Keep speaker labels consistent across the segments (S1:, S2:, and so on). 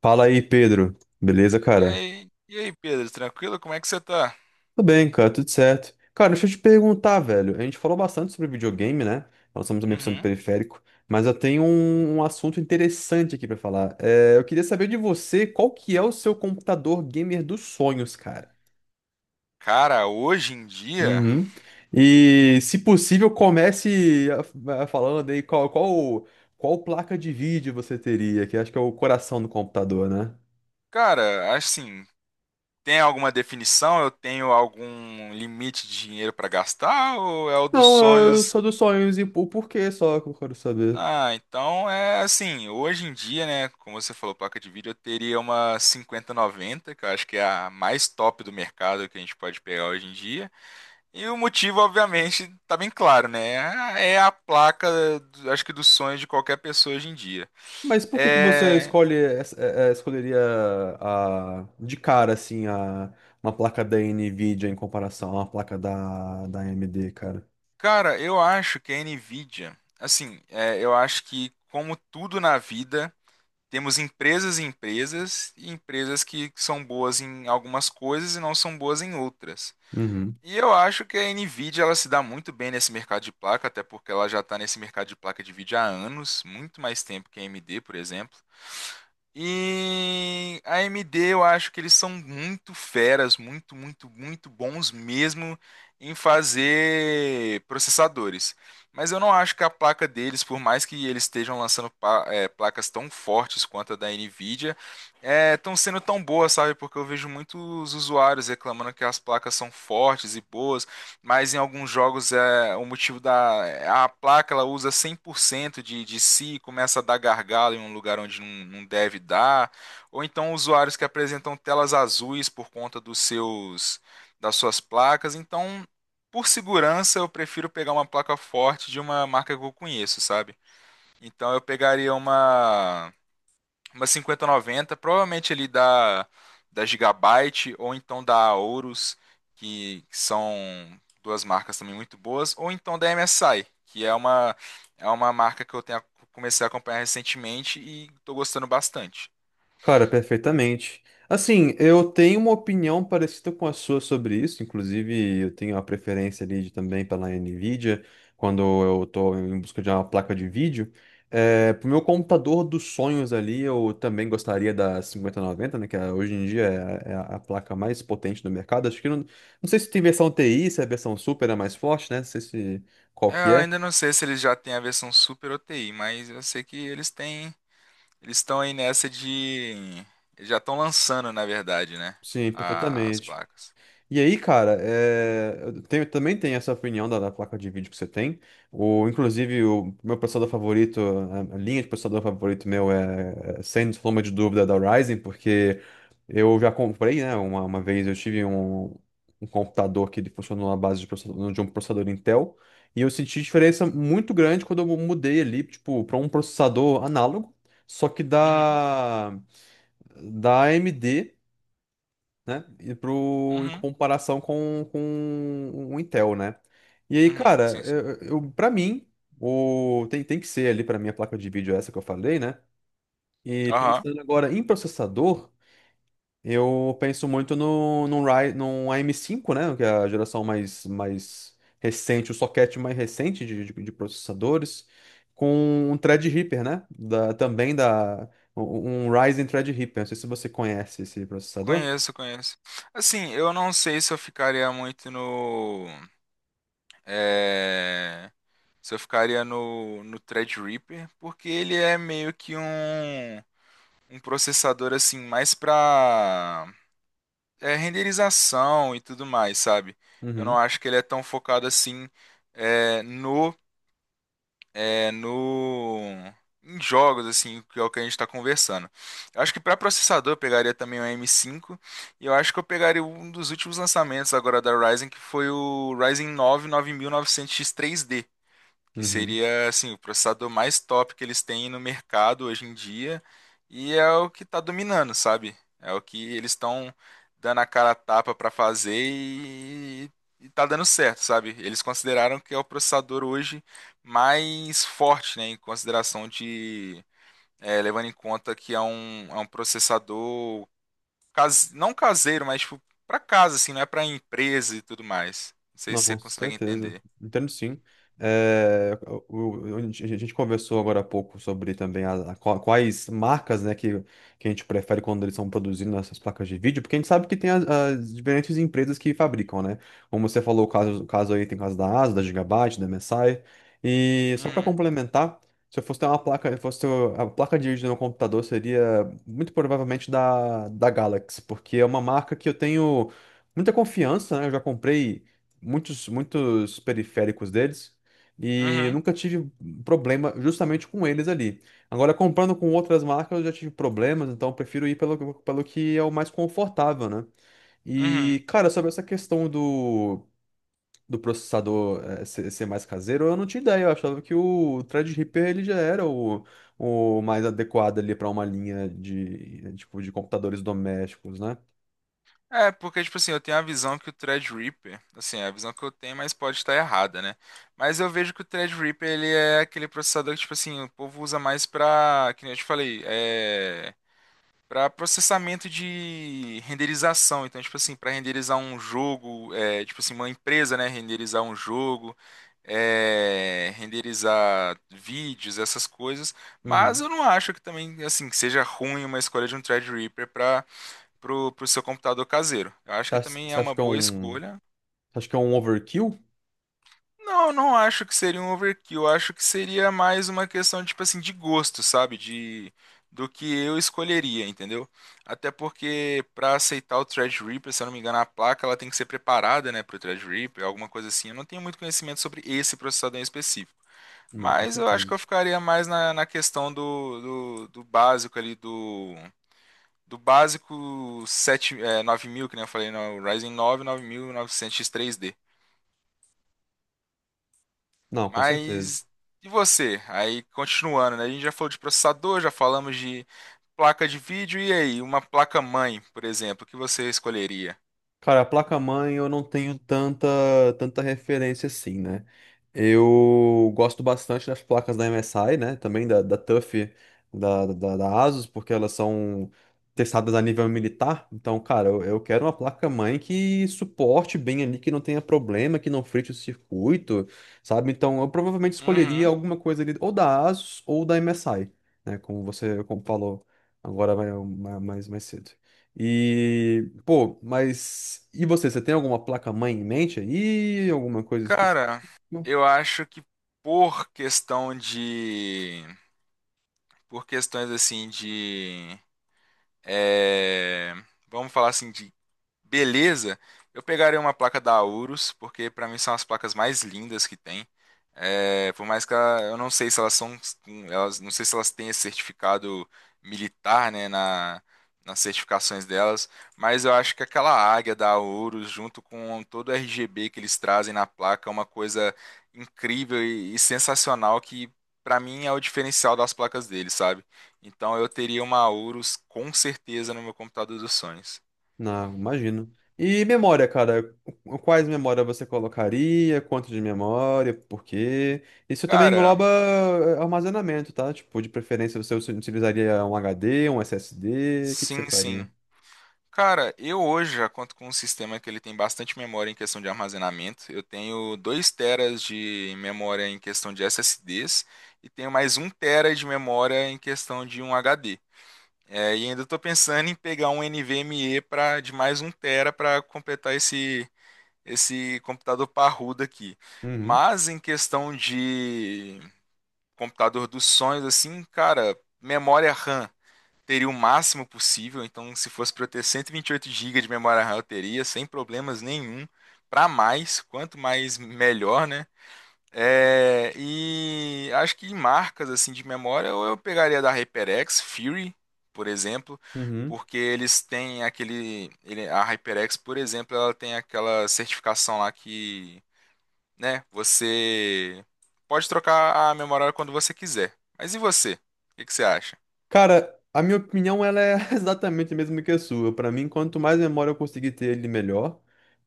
S1: Fala aí, Pedro. Beleza,
S2: E
S1: cara?
S2: aí, e aí, Pedro, tranquilo? Como é que você tá?
S1: Tudo bem, cara, tudo certo. Cara, deixa eu te perguntar, velho. A gente falou bastante sobre videogame, né? Nós estamos também sobre
S2: Uhum.
S1: periférico, mas eu tenho um assunto interessante aqui pra falar. Eu queria saber de você qual que é o seu computador gamer dos sonhos, cara.
S2: Cara, hoje em dia,
S1: Uhum. E, se possível, comece falando aí qual placa de vídeo você teria, que acho que é o coração do computador, né?
S2: cara, assim, tem alguma definição? Eu tenho algum limite de dinheiro pra gastar ou é o dos
S1: Não, eu
S2: sonhos?
S1: sou dos sonhos e o porquê só que eu quero saber.
S2: Ah, então é assim, hoje em dia, né, como você falou, placa de vídeo, eu teria uma 5090, que eu acho que é a mais top do mercado que a gente pode pegar hoje em dia. E o motivo, obviamente, tá bem claro, né? É a placa, acho que dos sonhos de qualquer pessoa hoje em dia.
S1: Mas por que que você
S2: É,
S1: escolhe, escolheria de cara, assim, uma placa da NVIDIA em comparação a uma placa da AMD, cara?
S2: cara, eu acho que a Nvidia, assim, eu acho que como tudo na vida, temos empresas e empresas, e empresas que são boas em algumas coisas e não são boas em outras. E eu acho que a Nvidia ela se dá muito bem nesse mercado de placa, até porque ela já está nesse mercado de placa de vídeo há anos, muito mais tempo que a AMD, por exemplo. E a AMD, eu acho que eles são muito feras, muito, muito, muito bons mesmo em fazer processadores. Mas eu não acho que a placa deles, por mais que eles estejam lançando placas tão fortes quanto a da Nvidia, estão sendo tão boas, sabe? Porque eu vejo muitos usuários reclamando que as placas são fortes e boas, mas em alguns jogos é o motivo da a placa ela usa 100% de si e começa a dar gargalo em um lugar onde não, não deve dar, ou então usuários que apresentam telas azuis por conta dos seus das suas placas. Então, por segurança, eu prefiro pegar uma placa forte de uma marca que eu conheço, sabe? Então eu pegaria uma 5090, provavelmente ali da Gigabyte ou então da Aorus, que são duas marcas também muito boas, ou então da MSI, que é uma, marca que eu tenho, comecei a acompanhar recentemente e estou gostando bastante.
S1: Cara, perfeitamente. Assim, eu tenho uma opinião parecida com a sua sobre isso, inclusive eu tenho a preferência também pela Nvidia, quando eu estou em busca de uma placa de vídeo. Pro meu computador dos sonhos ali, eu também gostaria da 5090, né, hoje em dia é a placa mais potente do mercado. Acho que não, não sei se tem versão TI, se a versão Super é mais forte, né? Não sei se qual
S2: É,
S1: que
S2: eu
S1: é.
S2: ainda não sei se eles já têm a versão Super OTI, mas eu sei que eles têm, eles estão aí nessa de, eles já estão lançando, na verdade, né,
S1: Sim,
S2: as
S1: perfeitamente.
S2: placas.
S1: E aí, cara, é, também tenho essa opinião da placa de vídeo que você tem. O, inclusive, o meu processador favorito, a linha de processador favorito meu é, sem sombra de dúvida, é da Ryzen, porque eu já comprei, né? Uma vez eu tive um computador que ele funcionou na base de, de um processador Intel, e eu senti diferença muito grande quando eu mudei ali, tipo, para um processador análogo, só que
S2: Uhum,
S1: da AMD, né? Em
S2: uhum,
S1: comparação com o Intel, né? E aí,
S2: uhum,
S1: cara,
S2: sim, sim.
S1: pra mim, tem que ser ali pra mim a placa de vídeo essa que eu falei, né? E pensando agora em processador, eu penso muito no AM5, né? Que é a geração mais recente, o socket mais recente de processadores, com um Threadripper, né? Da, também da. Um Ryzen Threadripper. Não sei se você conhece esse processador.
S2: Conheço, conheço. Assim, eu não sei se eu ficaria muito é, se eu ficaria no Threadripper, porque ele é meio que um processador assim, mais pra renderização e tudo mais, sabe? Eu
S1: Uhum,
S2: não acho que ele é tão focado assim é, no é, no em jogos assim, que é o que a gente está conversando. Eu acho que para processador eu pegaria também o M5 e eu acho que eu pegaria um dos últimos lançamentos agora da Ryzen, que foi o Ryzen 9 9900X 3D, que
S1: uhum.
S2: seria assim o processador mais top que eles têm no mercado hoje em dia e é o que está dominando, sabe? É o que eles estão dando a cara a tapa para fazer e tá dando certo, sabe? Eles consideraram que é o processador hoje mais forte, né, levando em conta que é um processador case, não caseiro, mas tipo, para casa assim, não é para empresa e tudo mais. Não sei
S1: Não,
S2: se você
S1: com
S2: consegue
S1: certeza.
S2: entender.
S1: Entendo sim. É, a gente conversou agora há pouco sobre também quais marcas, né, que a gente prefere quando eles estão produzindo essas placas de vídeo, porque a gente sabe que tem as diferentes empresas que fabricam, né? Como você falou, o caso aí tem o caso da ASUS, da Gigabyte, da MSI. E só para
S2: Uhum,
S1: complementar, se eu fosse ter uma placa, se fosse ter a placa de vídeo no meu computador, seria muito provavelmente da Galaxy, porque é uma marca que eu tenho muita confiança, né? Eu já comprei muitos periféricos deles e eu
S2: uhum,
S1: nunca tive problema justamente com eles ali. Agora, comprando com outras marcas, eu já tive problemas, então eu prefiro ir pelo que é o mais confortável, né?
S2: uhum.
S1: E, cara, sobre essa questão do processador ser mais caseiro, eu não tinha ideia. Eu achava que o Threadripper ele já era o mais adequado ali para uma linha de, tipo, de computadores domésticos, né?
S2: É, porque, tipo assim, eu tenho a visão que o Threadripper, assim, é a visão que eu tenho, mas pode estar errada, né? Mas eu vejo que o Threadripper, ele é aquele processador que, tipo assim, o povo usa mais pra, que nem eu te falei, pra processamento de renderização. Então, tipo assim, pra renderizar um jogo, tipo assim, uma empresa, né, renderizar um jogo, renderizar vídeos, essas coisas. Mas
S1: Uhum.
S2: eu não acho que também, assim, que seja ruim uma escolha de um Threadripper pro seu computador caseiro. Eu acho que também é
S1: Você acha
S2: uma
S1: que é
S2: boa
S1: um,
S2: escolha.
S1: você acha que é um overkill?
S2: Não, não acho que seria um overkill. Eu acho que seria mais uma questão, tipo assim, de gosto, sabe? Do que eu escolheria, entendeu? Até porque para aceitar o Threadripper, se eu não me engano, a placa ela tem que ser preparada, né, pro Threadripper, alguma coisa assim. Eu não tenho muito conhecimento sobre esse processador em específico.
S1: Não, com
S2: Mas eu acho
S1: certeza.
S2: que eu ficaria mais na questão do básico ali do básico 9000 que nem eu falei, no Ryzen 9, 9900 x três d.
S1: Não, com certeza.
S2: Mas e você? Aí continuando, né? A gente já falou de processador, já falamos de placa de vídeo, e aí? Uma placa mãe, por exemplo, que você escolheria?
S1: Cara, a placa-mãe eu não tenho tanta referência assim, né? Eu gosto bastante das placas da MSI, né? Também da TUF, da ASUS, porque elas são testadas a nível militar. Então, cara, eu quero uma placa-mãe que suporte bem ali, que não tenha problema, que não frite o circuito, sabe? Então, eu provavelmente escolheria
S2: Uhum.
S1: alguma coisa ali, ou da ASUS ou da MSI, né? Como você como falou agora mais cedo. E, pô, mas e você, você tem alguma placa-mãe em mente aí? Alguma coisa específica?
S2: Cara, eu acho que por questão de. Por questões assim de. é, vamos falar assim, de Beleza, eu pegaria uma placa da Aurus, porque pra mim são as placas mais lindas que tem. É, por mais que eu não sei se elas são, elas, não sei se elas têm esse certificado militar, né, nas certificações delas, mas eu acho que aquela águia da Aurus, junto com todo o RGB que eles trazem na placa, é uma coisa incrível e sensacional que pra mim é o diferencial das placas deles, sabe? Então eu teria uma Aurus com certeza no meu computador dos sonhos.
S1: Não, imagino. E memória, cara, quais memórias você colocaria? Quanto de memória? Por quê? Isso também
S2: Cara,
S1: engloba armazenamento, tá? Tipo, de preferência você utilizaria um HD, um SSD, o que que você
S2: sim, sim.
S1: faria?
S2: Cara, eu hoje já conto com um sistema que ele tem bastante memória em questão de armazenamento. Eu tenho 2 teras de memória em questão de SSDs e tenho mais um tera de memória em questão de um HD. É, e ainda estou pensando em pegar um NVMe para de mais um tera para completar esse computador parrudo aqui.
S1: Uhum,
S2: Mas em questão de computador dos sonhos assim, cara, memória RAM teria o máximo possível. Então, se fosse para eu ter 128 GB de memória RAM, eu teria, sem problemas nenhum. Para mais, quanto mais melhor, né? É, e acho que em marcas assim de memória, ou eu pegaria da HyperX, Fury, por exemplo,
S1: uhum.
S2: porque eles têm a HyperX, por exemplo, ela tem aquela certificação lá que, né, você pode trocar a memória quando você quiser. Mas e você? O que que você acha?
S1: Cara, a minha opinião ela é exatamente a mesma que a sua. Para mim, quanto mais memória eu conseguir ter, ele melhor.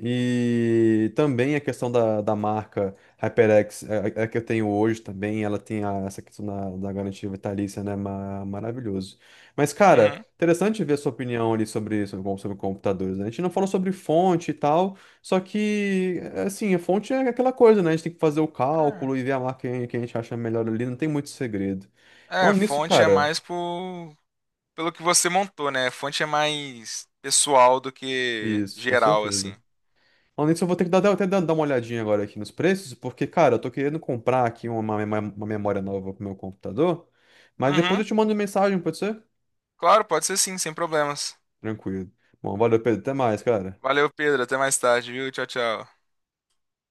S1: E também a questão da marca HyperX, é que eu tenho hoje também, ela tem essa questão da garantia vitalícia, né? Maravilhoso. Mas, cara,
S2: Uhum.
S1: interessante ver a sua opinião ali sobre, sobre computadores, né? A gente não falou sobre fonte e tal, só que, assim, a fonte é aquela coisa, né? A gente tem que fazer o
S2: É.
S1: cálculo e ver a marca que a gente acha melhor ali, não tem muito segredo. Não,
S2: É,
S1: nisso,
S2: fonte é
S1: cara.
S2: mais pelo que você montou, né? Fonte é mais pessoal do que
S1: Isso, com
S2: geral,
S1: certeza.
S2: assim.
S1: Além disso, eu vou ter que dar, até dar uma olhadinha agora aqui nos preços, porque, cara, eu tô querendo comprar aqui uma memória nova pro meu computador, mas depois
S2: Uhum.
S1: eu te mando mensagem, pode ser?
S2: Claro, pode ser sim, sem problemas.
S1: Tranquilo. Bom, valeu, Pedro. Até mais, cara.
S2: Valeu, Pedro. Até mais tarde, viu? Tchau, tchau.